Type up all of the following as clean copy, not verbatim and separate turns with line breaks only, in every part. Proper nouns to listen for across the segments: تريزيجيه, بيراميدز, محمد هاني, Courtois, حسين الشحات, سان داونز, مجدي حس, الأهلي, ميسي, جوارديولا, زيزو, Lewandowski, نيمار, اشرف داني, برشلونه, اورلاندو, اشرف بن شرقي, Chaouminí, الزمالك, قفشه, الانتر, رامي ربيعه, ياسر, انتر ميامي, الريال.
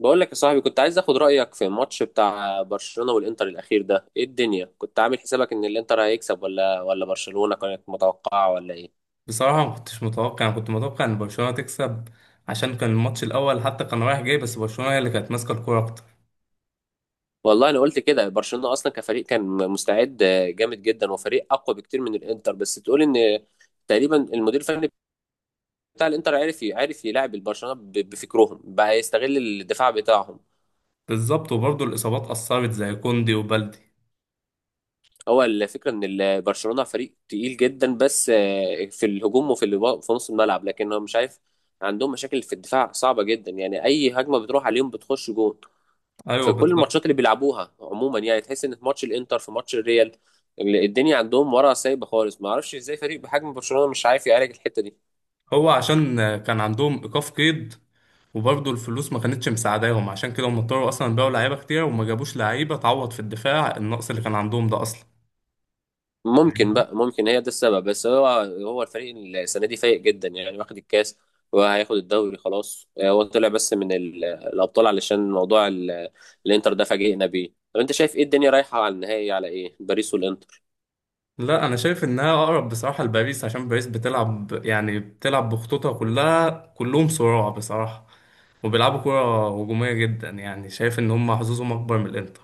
بقول لك يا صاحبي، كنت عايز اخد رايك في الماتش بتاع برشلونه والانتر الاخير ده. ايه الدنيا؟ كنت عامل حسابك ان الانتر هيكسب ولا برشلونه كانت متوقعه ولا ايه؟
بصراحة، ما كنتش متوقع. أنا كنت متوقع إن برشلونة تكسب، عشان كان الماتش الأول حتى كان رايح جاي، بس برشلونة هي اللي كانت ماسكة الكورة أكتر.
والله انا قلت كده، برشلونه اصلا كفريق كان مستعد جامد جدا، وفريق اقوى بكتير من الانتر. بس تقول ان تقريبا المدير الفني بتاع الانتر عارف يلعب البرشلونه، بفكرهم بقى يستغل الدفاع بتاعهم.
بالظبط، وبرضه الإصابات أثرت زي كوندي وبالدي.
هو الفكره ان برشلونه فريق تقيل جدا بس في الهجوم وفي اللي في نص الملعب، لكن هو مش عارف عندهم مشاكل في الدفاع صعبه جدا. يعني اي هجمه بتروح عليهم بتخش جون
أيوه
في كل
بالظبط.
الماتشات اللي بيلعبوها عموما. يعني تحس ان في ماتش الانتر، في ماتش الريال، الدنيا عندهم ورا سايبه خالص. ما اعرفش ازاي فريق بحجم برشلونه مش عارف يعالج الحته دي.
هو عشان كان عندهم إيقاف قيد، وبرضه الفلوس ما كانتش مساعداهم، عشان كده هم اضطروا أصلا يبيعوا لعيبة كتير وما جابوش لعيبة تعوض في الدفاع النقص اللي كان عندهم ده أصلا.
ممكن هي ده السبب، بس هو هو الفريق السنه دي فايق جدا، يعني واخد الكاس وهياخد الدوري خلاص. هو طلع بس من الابطال علشان موضوع الانتر ده فاجئنا بيه. طب انت شايف ايه؟ الدنيا رايحه على النهائي على ايه، باريس والانتر؟
لا، انا شايف انها اقرب بصراحه لباريس، عشان باريس بتلعب، يعني بتلعب بخطوطها كلها، كلهم صراع بصراحه، وبيلعبوا كرة هجومية جدا، يعني شايف ان هم حظوظهم اكبر من الانتر.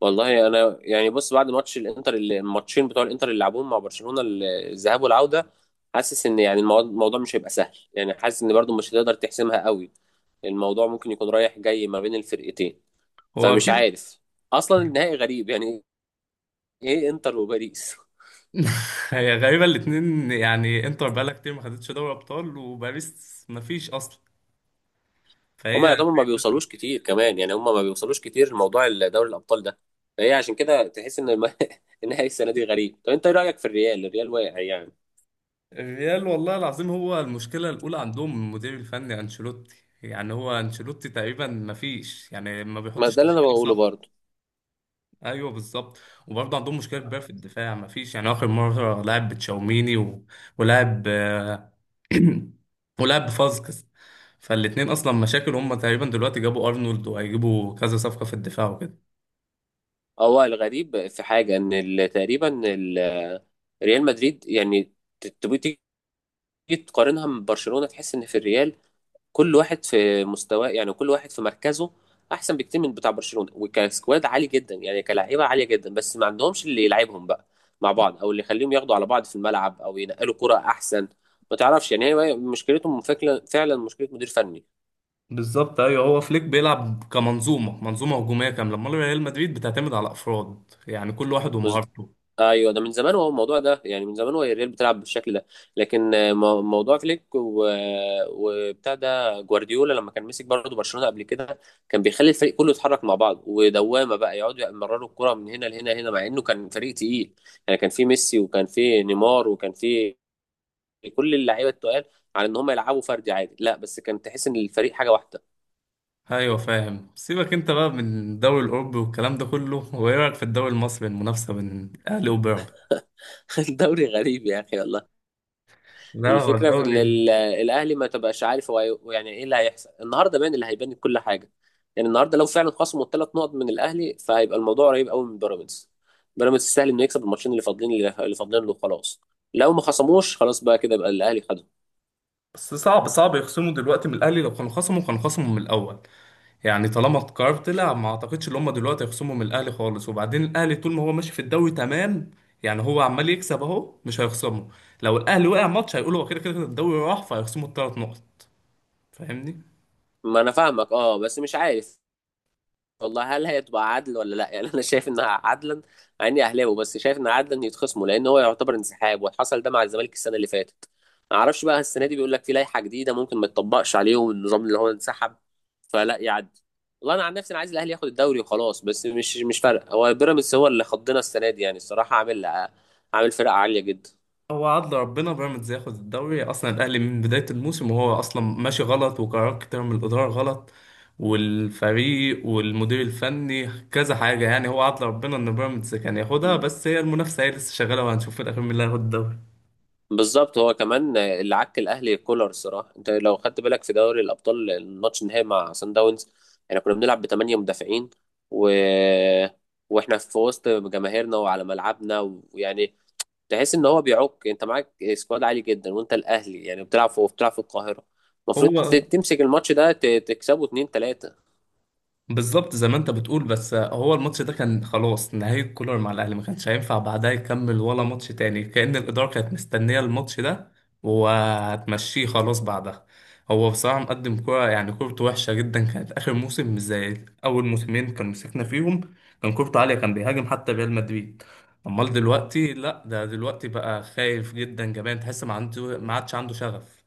والله انا يعني بص، بعد ماتش الانتر، الماتشين بتوع الانتر اللي لعبوهم مع برشلونه، الذهاب والعوده، حاسس ان يعني الموضوع مش هيبقى سهل. يعني حاسس ان برضو مش هتقدر تحسمها قوي. الموضوع ممكن يكون رايح جاي ما بين الفرقتين،
هو
فمش
اكيد.
عارف. اصلا النهائي غريب يعني، ايه، انتر وباريس؟
هي غريبة الاتنين، يعني انتر بقالها كتير ما خدتش دوري ابطال، وباريس ما فيش اصلا،
هما
فهي.
يعتبر ما بيوصلوش كتير كمان، يعني هما ما بيوصلوش كتير لموضوع دوري الابطال ده. فهي عشان كده تحس ان النهائي السنه دي غريب. طب انت ايه رايك في الريال؟ الريال واقع يعني.
الريال، والله العظيم، هو المشكلة الاولى عندهم المدير الفني انشيلوتي. يعني هو انشيلوتي تقريبا ما فيش، يعني ما
ما
بيحطش
ده اللي انا
تشكيلة
بقوله
صح.
برضه.
ايوه بالظبط. وبرضه عندهم مشكله كبيره في الدفاع، مفيش يعني اخر مره لعب بتشاوميني و ولعب ولعب بفازكس. فالاتنين اصلا مشاكل، هم تقريبا دلوقتي جابوا ارنولد وهيجيبوا كذا صفقه في الدفاع وكده.
هو الغريب في حاجه ان ال- ريال مدريد يعني، تبقى تيجي تقارنها من برشلونه، تحس ان في الريال كل واحد في مستواه، يعني كل واحد في مركزه احسن بكتير من بتاع برشلونه. وكسكواد عالي جدا، يعني كلاعيبه عاليه جدا، بس ما عندهمش اللي يلعبهم بقى مع بعض، او اللي يخليهم ياخدوا على بعض في الملعب، او ينقلوا كرة احسن. ما تعرفش يعني، هي مشكلتهم فعلا مشكله مدير فني.
بالظبط ايوه، هو فليك بيلعب كمنظومه، منظومه هجوميه كامله. امال ريال مدريد بتعتمد على افراد، يعني كل واحد ومهارته.
ايوه، ده من زمان، هو الموضوع ده يعني من زمان هو الريال بتلعب بالشكل ده. لكن موضوع فليك وبتاع ده جوارديولا، لما كان مسك برضه برشلونه قبل كده، كان بيخلي الفريق كله يتحرك مع بعض، ودوامه بقى يقعدوا يمرروا الكره من هنا لهنا هنا، مع انه كان فريق تقيل. يعني كان في ميسي وكان في نيمار وكان في كل اللعيبه التقال، على ان هم يلعبوا فردي عادي؟ لا، بس كان تحس ان الفريق حاجه واحده.
ايوه فاهم. سيبك انت بقى من الدوري الاوروبي والكلام ده كله، وايه رايك في الدوري المصري، المنافسه بين الاهلي وبيراميدز؟
الدوري غريب يا اخي والله.
لا، هو
الفكرة في إن
الدوري.
الأهلي ما تبقاش عارف هو يعني إيه اللي هيحصل النهاردة. باين اللي هيبان كل حاجة. يعني النهاردة لو فعلا خصموا الثلاث نقط من الأهلي، فهيبقى الموضوع قريب قوي من بيراميدز. بيراميدز سهل إنه يكسب الماتشين اللي فاضلين، اللي فاضلين له خلاص. لو ما خصموش، خلاص بقى، كده بقى الأهلي خده.
بس صعب صعب يخصموا دلوقتي من الاهلي، لو كانوا خصموا كانوا خصموا من الاول. يعني طالما القرار طلع، ما اعتقدش ان هم دلوقتي هيخصموا من الاهلي خالص، وبعدين الاهلي طول ما هو ماشي في الدوري تمام، يعني هو عمال يكسب اهو، مش هيخصمه. لو الاهلي وقع ماتش، هيقولوا هو كده كده الدوري راح، فهيخصموا الثلاث نقط. فاهمني.
ما أنا فاهمك أه، بس مش عارف والله، هل هي تبقى عدل ولا لا؟ يعني انا شايف انها عدلا، مع اني اهلاوي، بس شايف ان عدلا يتخصموا، لان هو يعتبر انسحاب، وحصل ده مع الزمالك السنه اللي فاتت. ما اعرفش بقى السنه دي بيقول لك في لائحه جديده ممكن ما تطبقش عليهم النظام، اللي هو انسحب فلا يعدي. والله انا عن نفسي انا عايز الاهلي ياخد الدوري وخلاص، بس مش فارق. هو بيراميدز هو اللي خضنا السنه دي يعني، الصراحه عامل فرقه عاليه جدا.
هو عدل ربنا بيراميدز ياخد الدوري، اصلا الاهلي من بدايه الموسم وهو اصلا ماشي غلط، وقرارات كتير من الاداره غلط، والفريق والمدير الفني كذا حاجه. يعني هو عدل ربنا ان بيراميدز كان ياخدها، بس هي المنافسه هي لسه شغاله، وهنشوف في الاخير مين اللي هياخد الدوري.
بالظبط، هو كمان اللي عك الاهلي كولر. الصراحه انت لو خدت بالك في دوري الابطال، الماتش النهائي مع سان داونز، احنا كنا بنلعب بثمانيه مدافعين و... واحنا في وسط جماهيرنا وعلى ملعبنا، ويعني تحس ان هو بيعك. انت معاك سكواد عالي جدا، وانت الاهلي يعني، بتلعب في القاهره، المفروض
هو
تمسك الماتش ده، تكسبه 2-3.
بالظبط زي ما انت بتقول، بس هو الماتش ده كان خلاص نهاية كولر مع الاهلي، ما كانش هينفع بعدها يكمل ولا ماتش تاني. كأن الإدارة كانت مستنية الماتش ده وهتمشيه خلاص بعدها. هو بصراحة مقدم كورة، يعني كورته وحشة جدا كانت آخر موسم، مش زي أول موسمين كان مسكنا فيهم. كان كورته عالية، كان بيهاجم حتى ريال مدريد. أمال دلوقتي لأ، ده دلوقتي بقى خايف جدا، جبان، تحس ما عنده، ما عادش عنده شغف.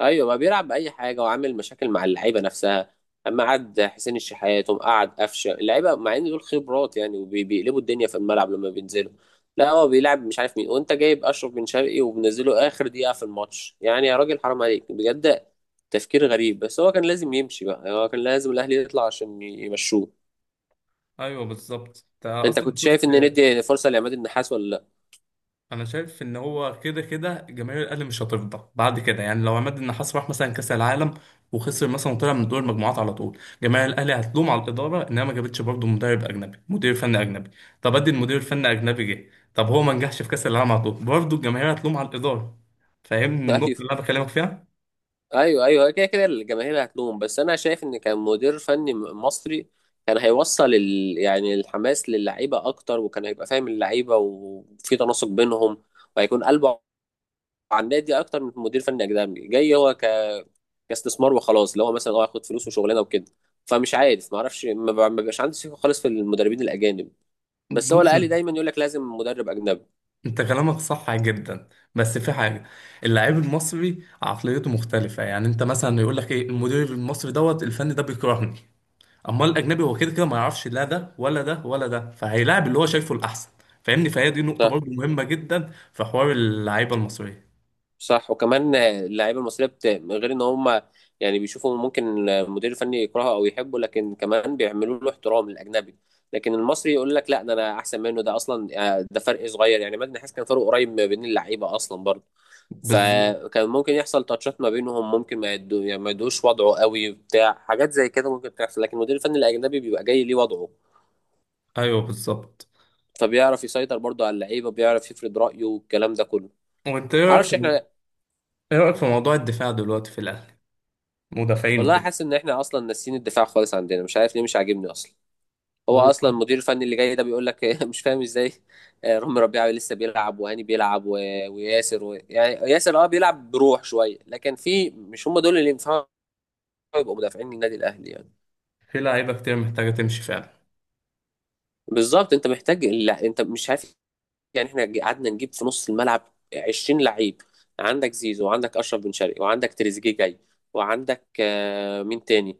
ايوه ما بيلعب باي حاجه، وعامل مشاكل مع اللعيبه نفسها. اما قعد حسين الشحات وقعد قفشه اللعيبه، مع ان دول خبرات يعني، وبيقلبوا الدنيا في الملعب لما بينزلوا. لا، هو بيلعب مش عارف مين، وانت جايب اشرف بن شرقي وبنزله اخر دقيقه في الماتش. يعني يا راجل حرام عليك بجد، تفكير غريب. بس هو كان لازم يمشي بقى، يعني هو كان لازم الاهلي يطلع عشان يمشوه.
أيوه بالظبط. أنت
انت
أصلا
كنت شايف
شفت،
ان ندي فرصه لعماد النحاس ولا
انا شايف ان هو كده كده جماهير الاهلي مش هترضى بعد كده. يعني لو عماد النحاس راح مثلا كاس العالم، وخسر مثلا وطلع من دور المجموعات على طول، جماهير الاهلي هتلوم على الاداره انها ما جابتش برضه مدرب اجنبي، مدير فني اجنبي. طب ادي المدير الفني اجنبي جه، طب هو ما نجحش في كاس العالم على طول، برضه الجماهير هتلوم على الاداره. فاهمني
لا؟
النقطه اللي
ايوه
انا بكلمك فيها؟
ايوه ايوه، كده كده الجماهير هتلوم. بس انا شايف ان كان مدير فني مصري كان هيوصل يعني الحماس للعيبه اكتر، وكان هيبقى فاهم اللعيبه وفي تناسق بينهم، وهيكون قلبه على النادي اكتر من مدير فني اجنبي جاي هو كاستثمار وخلاص. اللي هو مثلا اه، هاخد فلوس وشغلانه وكده. فمش عارف، ما اعرفش، ما بيبقاش عندي ثقه خالص في المدربين الاجانب. بس هو
بص،
الاهلي دايما يقول لك لازم مدرب اجنبي.
انت كلامك صح جدا، بس في حاجه. اللاعب المصري عقليته مختلفه، يعني انت مثلا يقول لك ايه، المدير المصري دوت الفني ده بيكرهني. امال الاجنبي هو كده كده ما يعرفش لا ده ولا ده ولا ده، فهيلاعب اللي هو شايفه الاحسن. فاهمني؟ فهي دي نقطه برضه مهمه جدا في حوار اللعيبه المصريه.
صح، وكمان اللعيبه المصريه من غير ان هم يعني بيشوفوا ممكن المدير الفني يكرهه او يحبه، لكن كمان بيعملوا له احترام الاجنبي. لكن المصري يقول لك لا، ده انا احسن منه ده اصلا. ده فرق صغير يعني، مجدي حس كان فرق قريب ما بين اللعيبه اصلا برضه.
بالظبط
فكان ممكن يحصل تاتشات ما بينهم، ممكن ما يدو... يعني ما يدوش وضعه قوي بتاع حاجات زي كده، ممكن تحصل. لكن المدير الفني الاجنبي بيبقى جاي ليه وضعه،
ايوه. بالظبط،
فبيعرف يسيطر برضه على اللعيبه، بيعرف يفرض رايه والكلام ده كله.
وانت ايه رايك في،
معرفش احنا.
ايه رايك في موضوع الدفاع دلوقتي في الاهلي، مدافعين
والله
وكده؟
حاسس ان احنا اصلا ناسيين الدفاع خالص عندنا، مش عارف ليه، مش عاجبني اصلا. هو
هو
اصلا المدير الفني اللي جاي ده بيقول لك مش فاهم ازاي. رامي ربيعه لسه بيلعب، وهاني بيلعب وياسر يعني ياسر اه بيلعب بروح شويه، لكن في مش هم دول اللي ينفعوا يبقوا مدافعين للنادي الاهلي يعني.
في لعيبه كتير محتاجه تمشي فعلا،
بالظبط، انت محتاج، لا انت مش عارف. يعني احنا قعدنا نجيب في نص الملعب 20 لعيب. عندك زيزو، وعندك اشرف بن شرقي، وعندك تريزيجيه جاي، وعندك مين تاني؟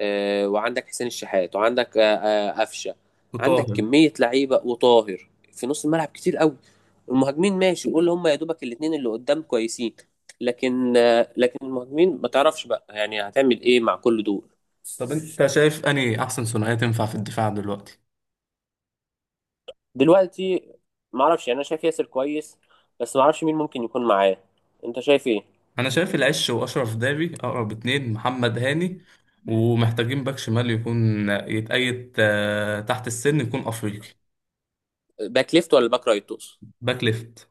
وعندك حسين الشحات، وعندك قفشه. عندك
وطاهر.
كميه لعيبه وطاهر في نص الملعب كتير قوي. المهاجمين ماشي، قول هم يا دوبك الاثنين اللي قدام كويسين. لكن لكن المهاجمين ما تعرفش بقى يعني هتعمل ايه مع كل دول.
طب انت شايف انهي احسن ثنائيه تنفع في الدفاع دلوقتي؟
دلوقتي، ما اعرفش يعني، انا شايف ياسر كويس، بس ما اعرفش مين ممكن يكون معاه. انت شايف ايه؟
انا شايف العش واشرف داري اقرب اتنين، محمد هاني، ومحتاجين باك شمال يكون يتأيد، تحت السن، يكون افريقي.
باك ليفت ولا باك رايت تقصد؟
باك ليفت.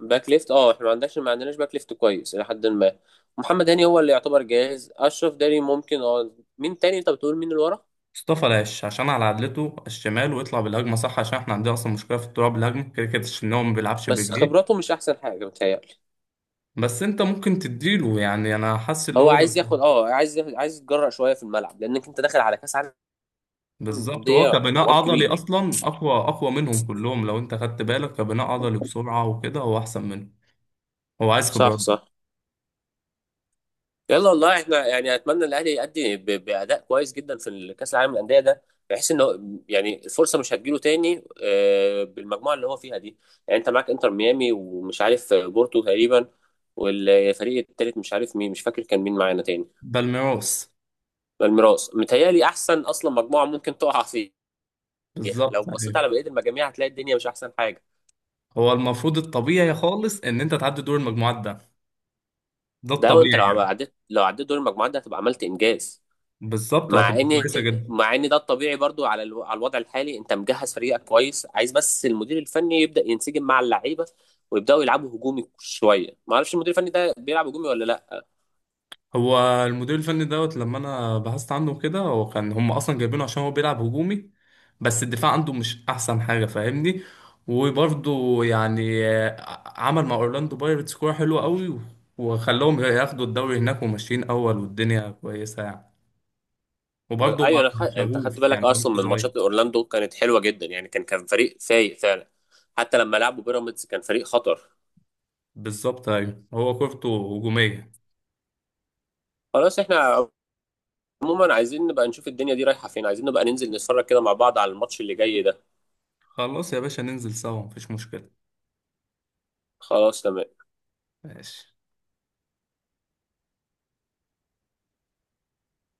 باك ليفت، اه، احنا ما عندناش باك ليفت كويس الى حد ما. محمد هاني هو اللي يعتبر جاهز، اشرف داني ممكن، اه. مين تاني انت بتقول، مين اللي ورا؟
مصطفى العش عشان على عدلته على الشمال ويطلع بالهجمه صح، عشان احنا عندنا اصلا مشكله في الطلوع بالهجمه كده كده، ان هو ما بيلعبش
بس
برجليه.
خبراته مش احسن حاجه متهيألي.
بس انت ممكن تديله، يعني انا حاسس اللي
هو
هو.
عايز ياخد، اه، عايز يتجرأ شويه في الملعب، لانك انت داخل على كاس عالم
بالظبط. هو
للانديه،
كبناء
حوار
عضلي
كبير.
اصلا اقوى اقوى منهم كلهم، لو انت خدت بالك كبناء عضلي بسرعه وكده هو احسن منه. هو عايز خبرات.
صح صح. يلا، والله احنا يعني اتمنى الاهلي يأدي باداء كويس جدا في كاس العالم للانديه ده. بحيث ان هو يعني الفرصه مش هتجيله تاني، بالمجموعه اللي هو فيها دي. يعني انت معاك انتر ميامي، ومش عارف بورتو تقريبا، والفريق التالت مش عارف مين، مش فاكر كان مين معانا تاني.
بالميروس.
الميراث متهيألي احسن اصلا مجموعه ممكن تقع فيها. لو
بالظبط
بصيت
ايوه.
على بقيه المجاميع هتلاقي الدنيا مش احسن حاجه.
هو المفروض الطبيعي خالص ان انت تعدي دور المجموعات ده، ده
ده
الطبيعي
وانت لو
يعني.
عديت، دور المجموعات ده هتبقى عملت انجاز.
بالظبط،
مع
وهتبقى
ان
كويسه جدا.
مع ان ده الطبيعي برضو على على الوضع الحالي. انت مجهز فريقك كويس، عايز بس المدير الفني يبدا ينسجم مع اللعيبه، ويبداوا يلعبوا هجومي شويه. ما اعرفش المدير الفني ده بيلعب هجومي ولا لا.
هو المدير الفني دوت لما انا بحثت عنه كده، هو كان هم اصلا جايبينه عشان هو بيلعب هجومي، بس الدفاع عنده مش احسن حاجه، فاهمني. وبرضه يعني عمل مع اورلاندو بايرتس كوره حلوه قوي، وخلاهم ياخدوا الدوري هناك وماشيين اول، والدنيا كويسه يعني. وبرضه
ايوه
مع،
انا انت خدت
شغوف،
بالك
يعني هو لسه
اصلا من
صغير.
ماتشات اورلاندو، كانت حلوه جدا يعني، كان فريق فايق فعلا. حتى لما لعبوا بيراميدز كان فريق خطر.
بالظبط ايوه هو كورته هجوميه.
خلاص، احنا عموما عايزين نبقى نشوف الدنيا دي رايحه فين، عايزين نبقى ننزل نتفرج كده مع بعض على الماتش اللي جاي ده.
خلاص يا باشا ننزل سوا، مفيش مشكله.
خلاص تمام.
ماشي.